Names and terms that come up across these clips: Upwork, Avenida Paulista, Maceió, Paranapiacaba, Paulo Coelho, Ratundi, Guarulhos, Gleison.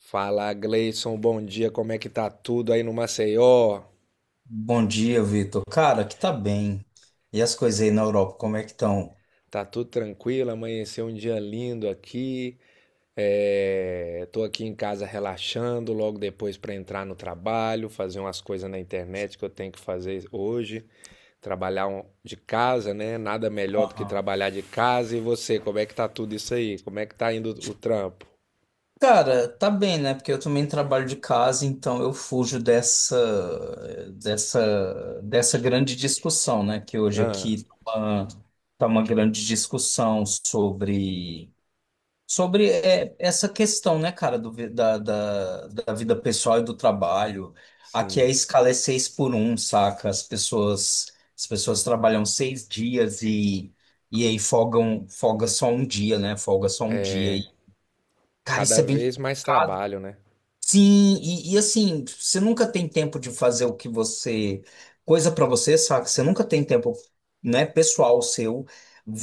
Fala, Gleison, bom dia. Como é que tá tudo aí no Maceió? Bom dia, Vitor. Cara, que tá bem. E as coisas aí na Europa, como é que estão? Tá tudo tranquilo? Amanheceu um dia lindo aqui. É, tô aqui em casa relaxando, logo depois para entrar no trabalho, fazer umas coisas na internet que eu tenho que fazer hoje, trabalhar de casa, né? Nada melhor do que Aham. trabalhar de casa. E você, como é que tá tudo isso aí? Como é que tá indo o trampo? Cara, tá bem, né? Porque eu também trabalho de casa, então eu fujo dessa grande discussão, né? Que hoje Ah, aqui tá uma, grande discussão sobre essa questão, né, cara, do, vi- da, da, da vida pessoal e do trabalho. Aqui a sim. escala é seis por um, saca? As pessoas trabalham 6 dias e aí folgam, folga só um dia, né? Folga só um dia. E, cara, Cada isso é bem vez mais complicado. trabalho, né? Sim, e assim, você nunca tem tempo de fazer o que você. Coisa pra você, saca? Você nunca tem tempo, né, pessoal seu.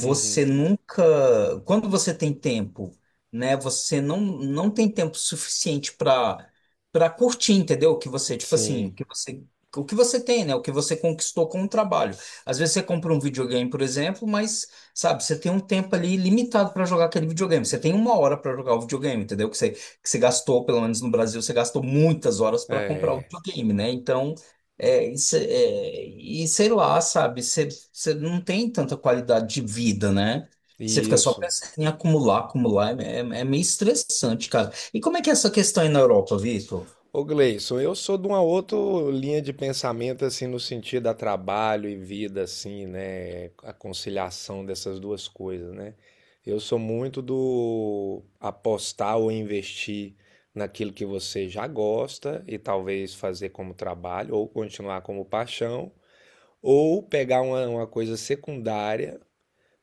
Uhum. nunca. Quando você tem tempo, né, você não tem tempo suficiente pra para curtir, entendeu? O que você, tipo assim, Sim. o que você. O que você tem, né? O que você conquistou com o trabalho. Às vezes você compra um videogame, por exemplo, mas, sabe, você tem um tempo ali limitado pra jogar aquele videogame. Você tem uma hora pra jogar o videogame, entendeu? Que você gastou, pelo menos no Brasil, você gastou muitas horas para comprar o É, videogame, né? Então, isso, e sei lá, sabe, você não tem tanta qualidade de vida, né? Você fica só isso. pensando em acumular, acumular, é meio estressante, cara. E como é que é essa questão aí na Europa, Vitor? Ô Gleison, eu sou de uma outra linha de pensamento, assim, no sentido a trabalho e vida, assim, né? A conciliação dessas duas coisas, né? Eu sou muito do apostar ou investir naquilo que você já gosta e talvez fazer como trabalho, ou continuar como paixão, ou pegar uma coisa secundária,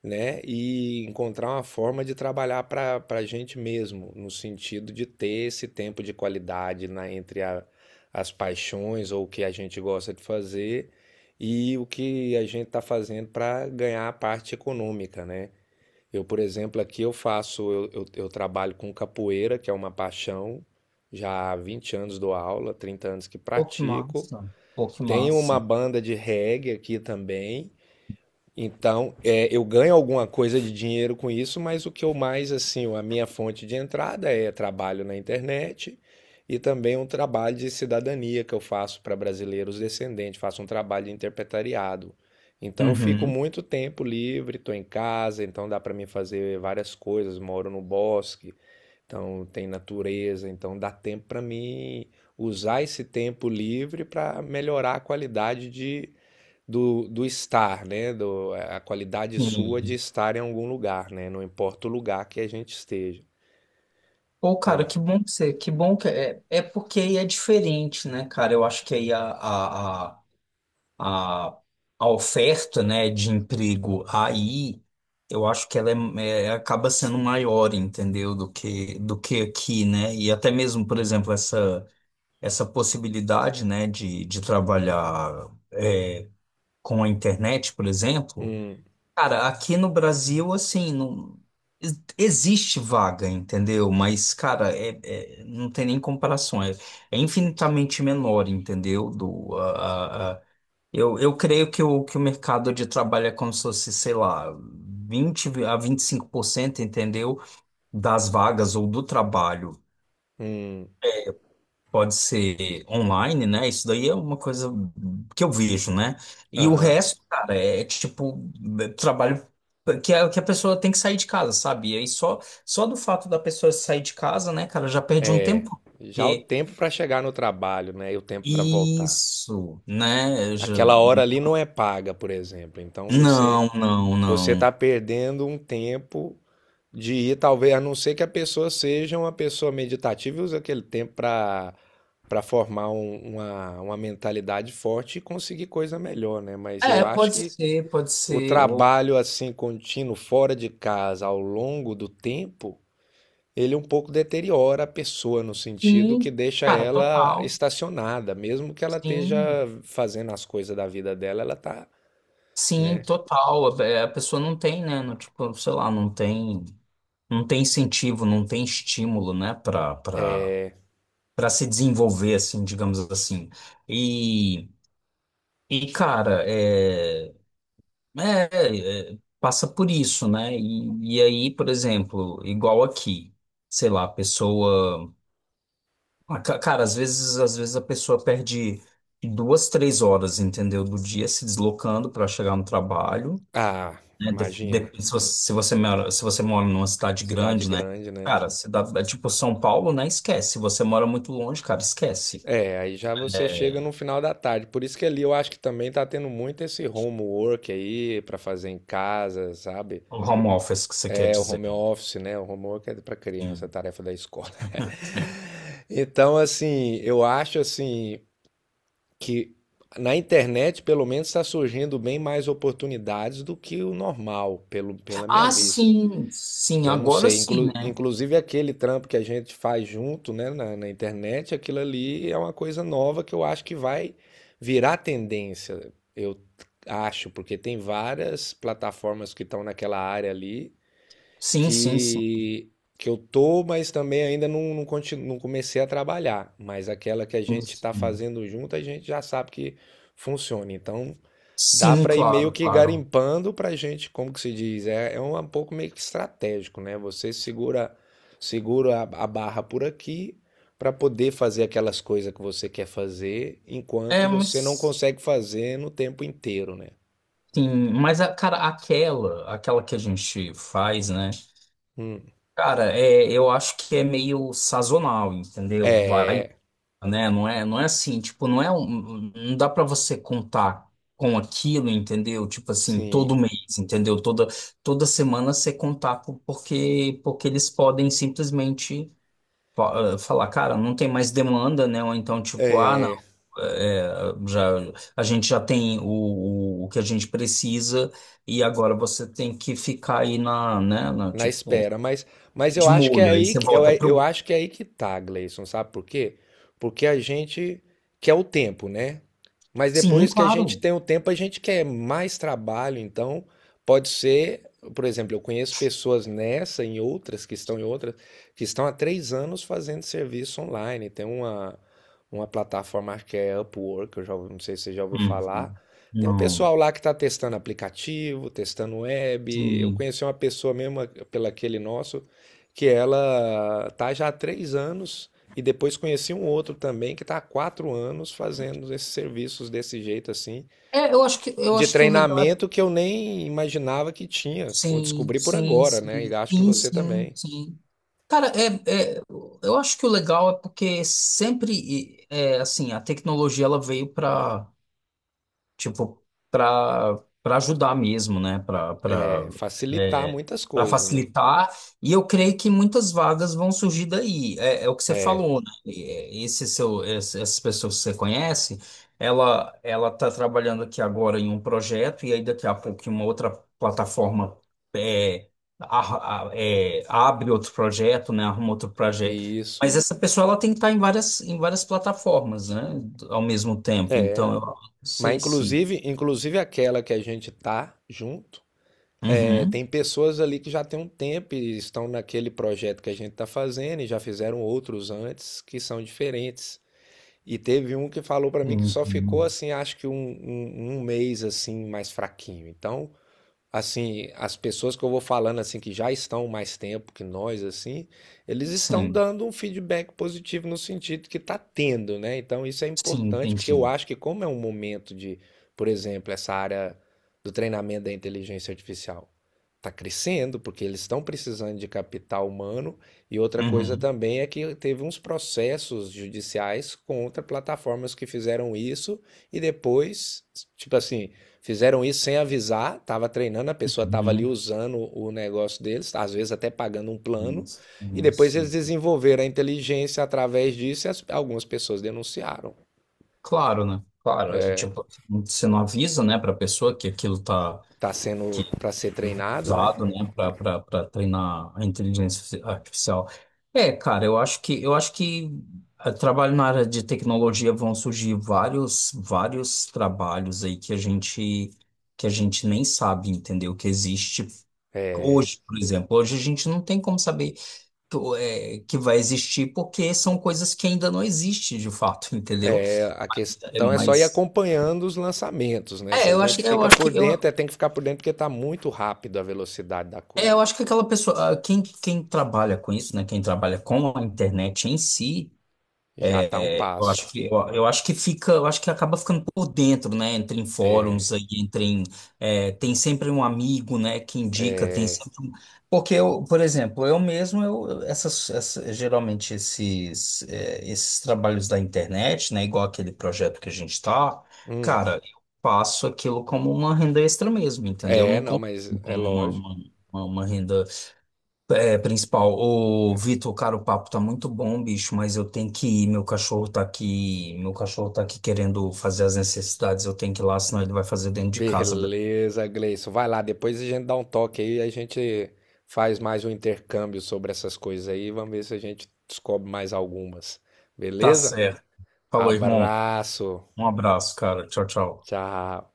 né? E encontrar uma forma de trabalhar para a gente mesmo, no sentido de ter esse tempo de qualidade na, entre as paixões ou o que a gente gosta de fazer e o que a gente está fazendo para ganhar a parte econômica, né? Eu, por exemplo, aqui eu faço, eu trabalho com capoeira, que é uma paixão, já há 20 anos dou aula, 30 anos que Pô, que pratico. massa, pô, que Tenho uma massa. banda de reggae aqui também, então, eu ganho alguma coisa de dinheiro com isso, mas o que eu mais, assim, a minha fonte de entrada é trabalho na internet e também um trabalho de cidadania que eu faço para brasileiros descendentes, faço um trabalho de interpretariado. Então, eu fico Uhum. muito tempo livre, estou em casa, então dá para mim fazer várias coisas, moro no bosque, então tem natureza, então dá tempo para mim usar esse tempo livre para melhorar a qualidade do estar, né? A qualidade sua de Sim. estar em algum lugar, né? Não importa o lugar que a gente esteja. Pô, cara, Então, que bom que você, que bom que é, é porque aí é diferente, né, cara? Eu acho que aí a, a oferta, né, de emprego aí, eu acho que ela acaba sendo maior, entendeu, do que aqui, né? E até mesmo, por exemplo, essa possibilidade, né, de trabalhar com a internet, por exemplo, hum, cara, aqui no Brasil, assim, não. Existe vaga, entendeu? Mas, cara, não tem nem comparação. É infinitamente menor, entendeu? Do, eu creio que o mercado de trabalho é como se fosse, sei lá, 20 a 25%, entendeu? Das vagas ou do trabalho hum, pode ser online, né? Isso daí é uma coisa que eu vejo, né? E o aham. resto, cara, é tipo é trabalho que a pessoa tem que sair de casa, sabe? E aí só do fato da pessoa sair de casa, né, cara, já perde um É, tempo. já o Porque tempo para chegar no trabalho, né? E o tempo para voltar. isso, né? Já- Aquela hora ali não é paga, por exemplo. Então você Não, não, você está não. perdendo um tempo de ir, talvez, a não ser que a pessoa seja uma pessoa meditativa e use aquele tempo para formar uma mentalidade forte e conseguir coisa melhor, né? Mas eu É, acho pode que ser, pode o ser. Ou... trabalho assim contínuo fora de casa ao longo do tempo, ele um pouco deteriora a pessoa no sentido que Sim, deixa cara, ela total. estacionada, mesmo que ela esteja Sim, fazendo as coisas da vida dela, ela tá, sim, né? total. É, a pessoa não tem, né? Não, tipo, sei lá, não tem incentivo, não tem estímulo, né? É, Pra se desenvolver, assim, digamos assim. E, e cara, passa por isso, né? E aí, por exemplo, igual aqui, sei lá, a pessoa. Ah, ca- Cara, às vezes a pessoa perde duas, três horas, entendeu? Do dia se deslocando para chegar no trabalho. ah, Né? Imagina, De- se você, se você mora, se você mora numa cidade cidade grande, né? grande, né? Cara, cidade, é tipo São Paulo, né? Esquece. Se você mora muito longe, cara, esquece. É, aí já você chega no final da tarde. Por isso que ali eu acho que também tá tendo muito esse homework aí pra fazer em casa, sabe? O home office que você quer É o dizer. home office, né? O homework é pra criança, é Sim. tarefa da escola. Então, assim, eu acho assim que na internet, pelo menos, está surgindo bem mais oportunidades do que o normal, pela minha Ah, vista. sim, sim, Eu não agora sei. sim, né? Inclusive aquele trampo que a gente faz junto, né, na internet, aquilo ali é uma coisa nova que eu acho que vai virar tendência. Eu acho, porque tem várias plataformas que estão naquela área ali Sim, sim, sim. que que eu tô, mas também ainda não comecei a trabalhar. Mas aquela que a Sim, gente está sim. fazendo junto, a gente já sabe que funciona. Então dá Sim, para ir meio claro, que claro. garimpando para gente, como que se diz, é um pouco meio que estratégico, né? Você segura a barra por aqui para poder fazer aquelas coisas que você quer fazer, enquanto É, você não mas. consegue fazer no tempo inteiro, né? Sim, mas cara, aquela que a gente faz, né? Hum. Cara, é, eu acho que é meio sazonal, entendeu? Vai, É, né? Não é assim, tipo, não é um, não dá pra você contar com aquilo, entendeu? Tipo assim, sim. todo mês, entendeu? Toda toda semana você contar porque eles podem simplesmente falar, cara, não tem mais demanda, né? Ou então, tipo, ah, não, é, eh, já, a gente já tem o, o que a gente precisa e agora você tem que ficar aí na, né, na, Na tipo, espera, mas eu de acho que é molho. Aí aí você que eu, volta eu pro... acho que é aí que tá, Gleison, sabe por quê? Porque a gente quer o tempo, né? Mas Sim, depois que a gente claro. tem o tempo, a gente quer mais trabalho, então pode ser, por exemplo, eu conheço pessoas nessa, em outras, que estão em outras, que estão há 3 anos fazendo serviço online. Tem uma plataforma que é Upwork, não sei se você já ouviu falar, Uhum. tem um Não, pessoal lá que está testando aplicativo, testando web. Eu sim. conheci uma pessoa mesmo pela aquele nosso que ela tá já há 3 anos e depois conheci um outro também que está há 4 anos fazendo esses serviços desse jeito assim, É, eu de acho que o legal é... treinamento que eu nem imaginava que tinha. Eu Sim, descobri por sim, agora, né? sim. E acho que Sim, você sim, também. sim. Cara, eu acho que o legal é porque sempre, é, assim, a tecnologia ela veio para tipo, para para ajudar mesmo, né? Para É, facilitar é, muitas para coisas, né? facilitar. E eu creio que muitas vagas vão surgir daí. É, é o que você É, falou, né? Esse seu, essas pessoas que você conhece, ela está trabalhando aqui agora em um projeto e aí daqui a pouco em uma outra plataforma, é, abre outro projeto, né? Arruma outro projeto. isso. Mas essa pessoa ela tem que estar em várias plataformas, né? Ao mesmo tempo. É. Então, eu Mas sei se. inclusive aquela que a gente tá junto. É, Uhum. tem pessoas ali que já tem um tempo e estão naquele projeto que a gente está fazendo e já fizeram outros antes que são diferentes. E teve um que falou para mim que Sim, só ficou sim. assim, acho que um mês assim mais fraquinho. Então, assim, as pessoas que eu vou falando assim que já estão mais tempo que nós assim, eles estão Sim, dando um feedback positivo no sentido que está tendo, né? Então isso é sim, importante porque eu entendi. acho que como é um momento de, por exemplo, essa área do treinamento da inteligência artificial está crescendo porque eles estão precisando de capital humano, e outra coisa Uhum. também é que teve uns processos judiciais contra plataformas que fizeram isso e depois, tipo assim, fizeram isso sem avisar, estava treinando, a pessoa estava ali Uhum. usando o negócio deles, às vezes até pagando um plano, Isso, e depois eles isso. desenvolveram a inteligência através disso e algumas pessoas denunciaram. Claro, né? Claro, é tipo, você não avisa, né, pra pessoa que aquilo tá. Está sendo para ser treinado, né? Usado, né, para treinar a inteligência artificial. É, cara, eu acho que trabalho na área de tecnologia vão surgir vários trabalhos aí que a gente nem sabe, entendeu? Que existe É, hoje, por exemplo. Hoje a gente não tem como saber que, que vai existir porque são coisas que ainda não existem de fato, entendeu? é, a É, questão é só ir mas acompanhando os lançamentos, né? Se a gente que eu fica acho por que eu, dentro, tem que ficar por dentro porque está muito rápido a velocidade da É, coisa. eu acho que aquela pessoa, ah, quem trabalha com isso, né? Quem trabalha com a internet em si, Já está um passo. Eu acho que fica, eu acho que acaba ficando por dentro, né? Entre em fóruns aí, entre em, tem sempre um amigo, né? Que indica, tem sempre um... Porque eu, por exemplo, eu mesmo, geralmente esses, esses trabalhos da internet, né? Igual aquele projeto que a gente tá, Hum, cara, eu faço aquilo como uma renda extra mesmo, entendeu? é, Não não, como mas é como lógico. Uma renda principal. Ô, Vitor, cara, o papo tá muito bom, bicho, mas eu tenho que ir. Meu cachorro tá aqui, meu cachorro tá aqui querendo fazer as necessidades. Eu tenho que ir lá, senão ele vai fazer dentro de casa. Beleza, Gleison. Vai lá, depois a gente dá um toque aí, a gente faz mais um intercâmbio sobre essas coisas aí, vamos ver se a gente descobre mais algumas. Tá Beleza? certo. Falou, irmão. Abraço. Um abraço, cara. Tchau, tchau. Tchau.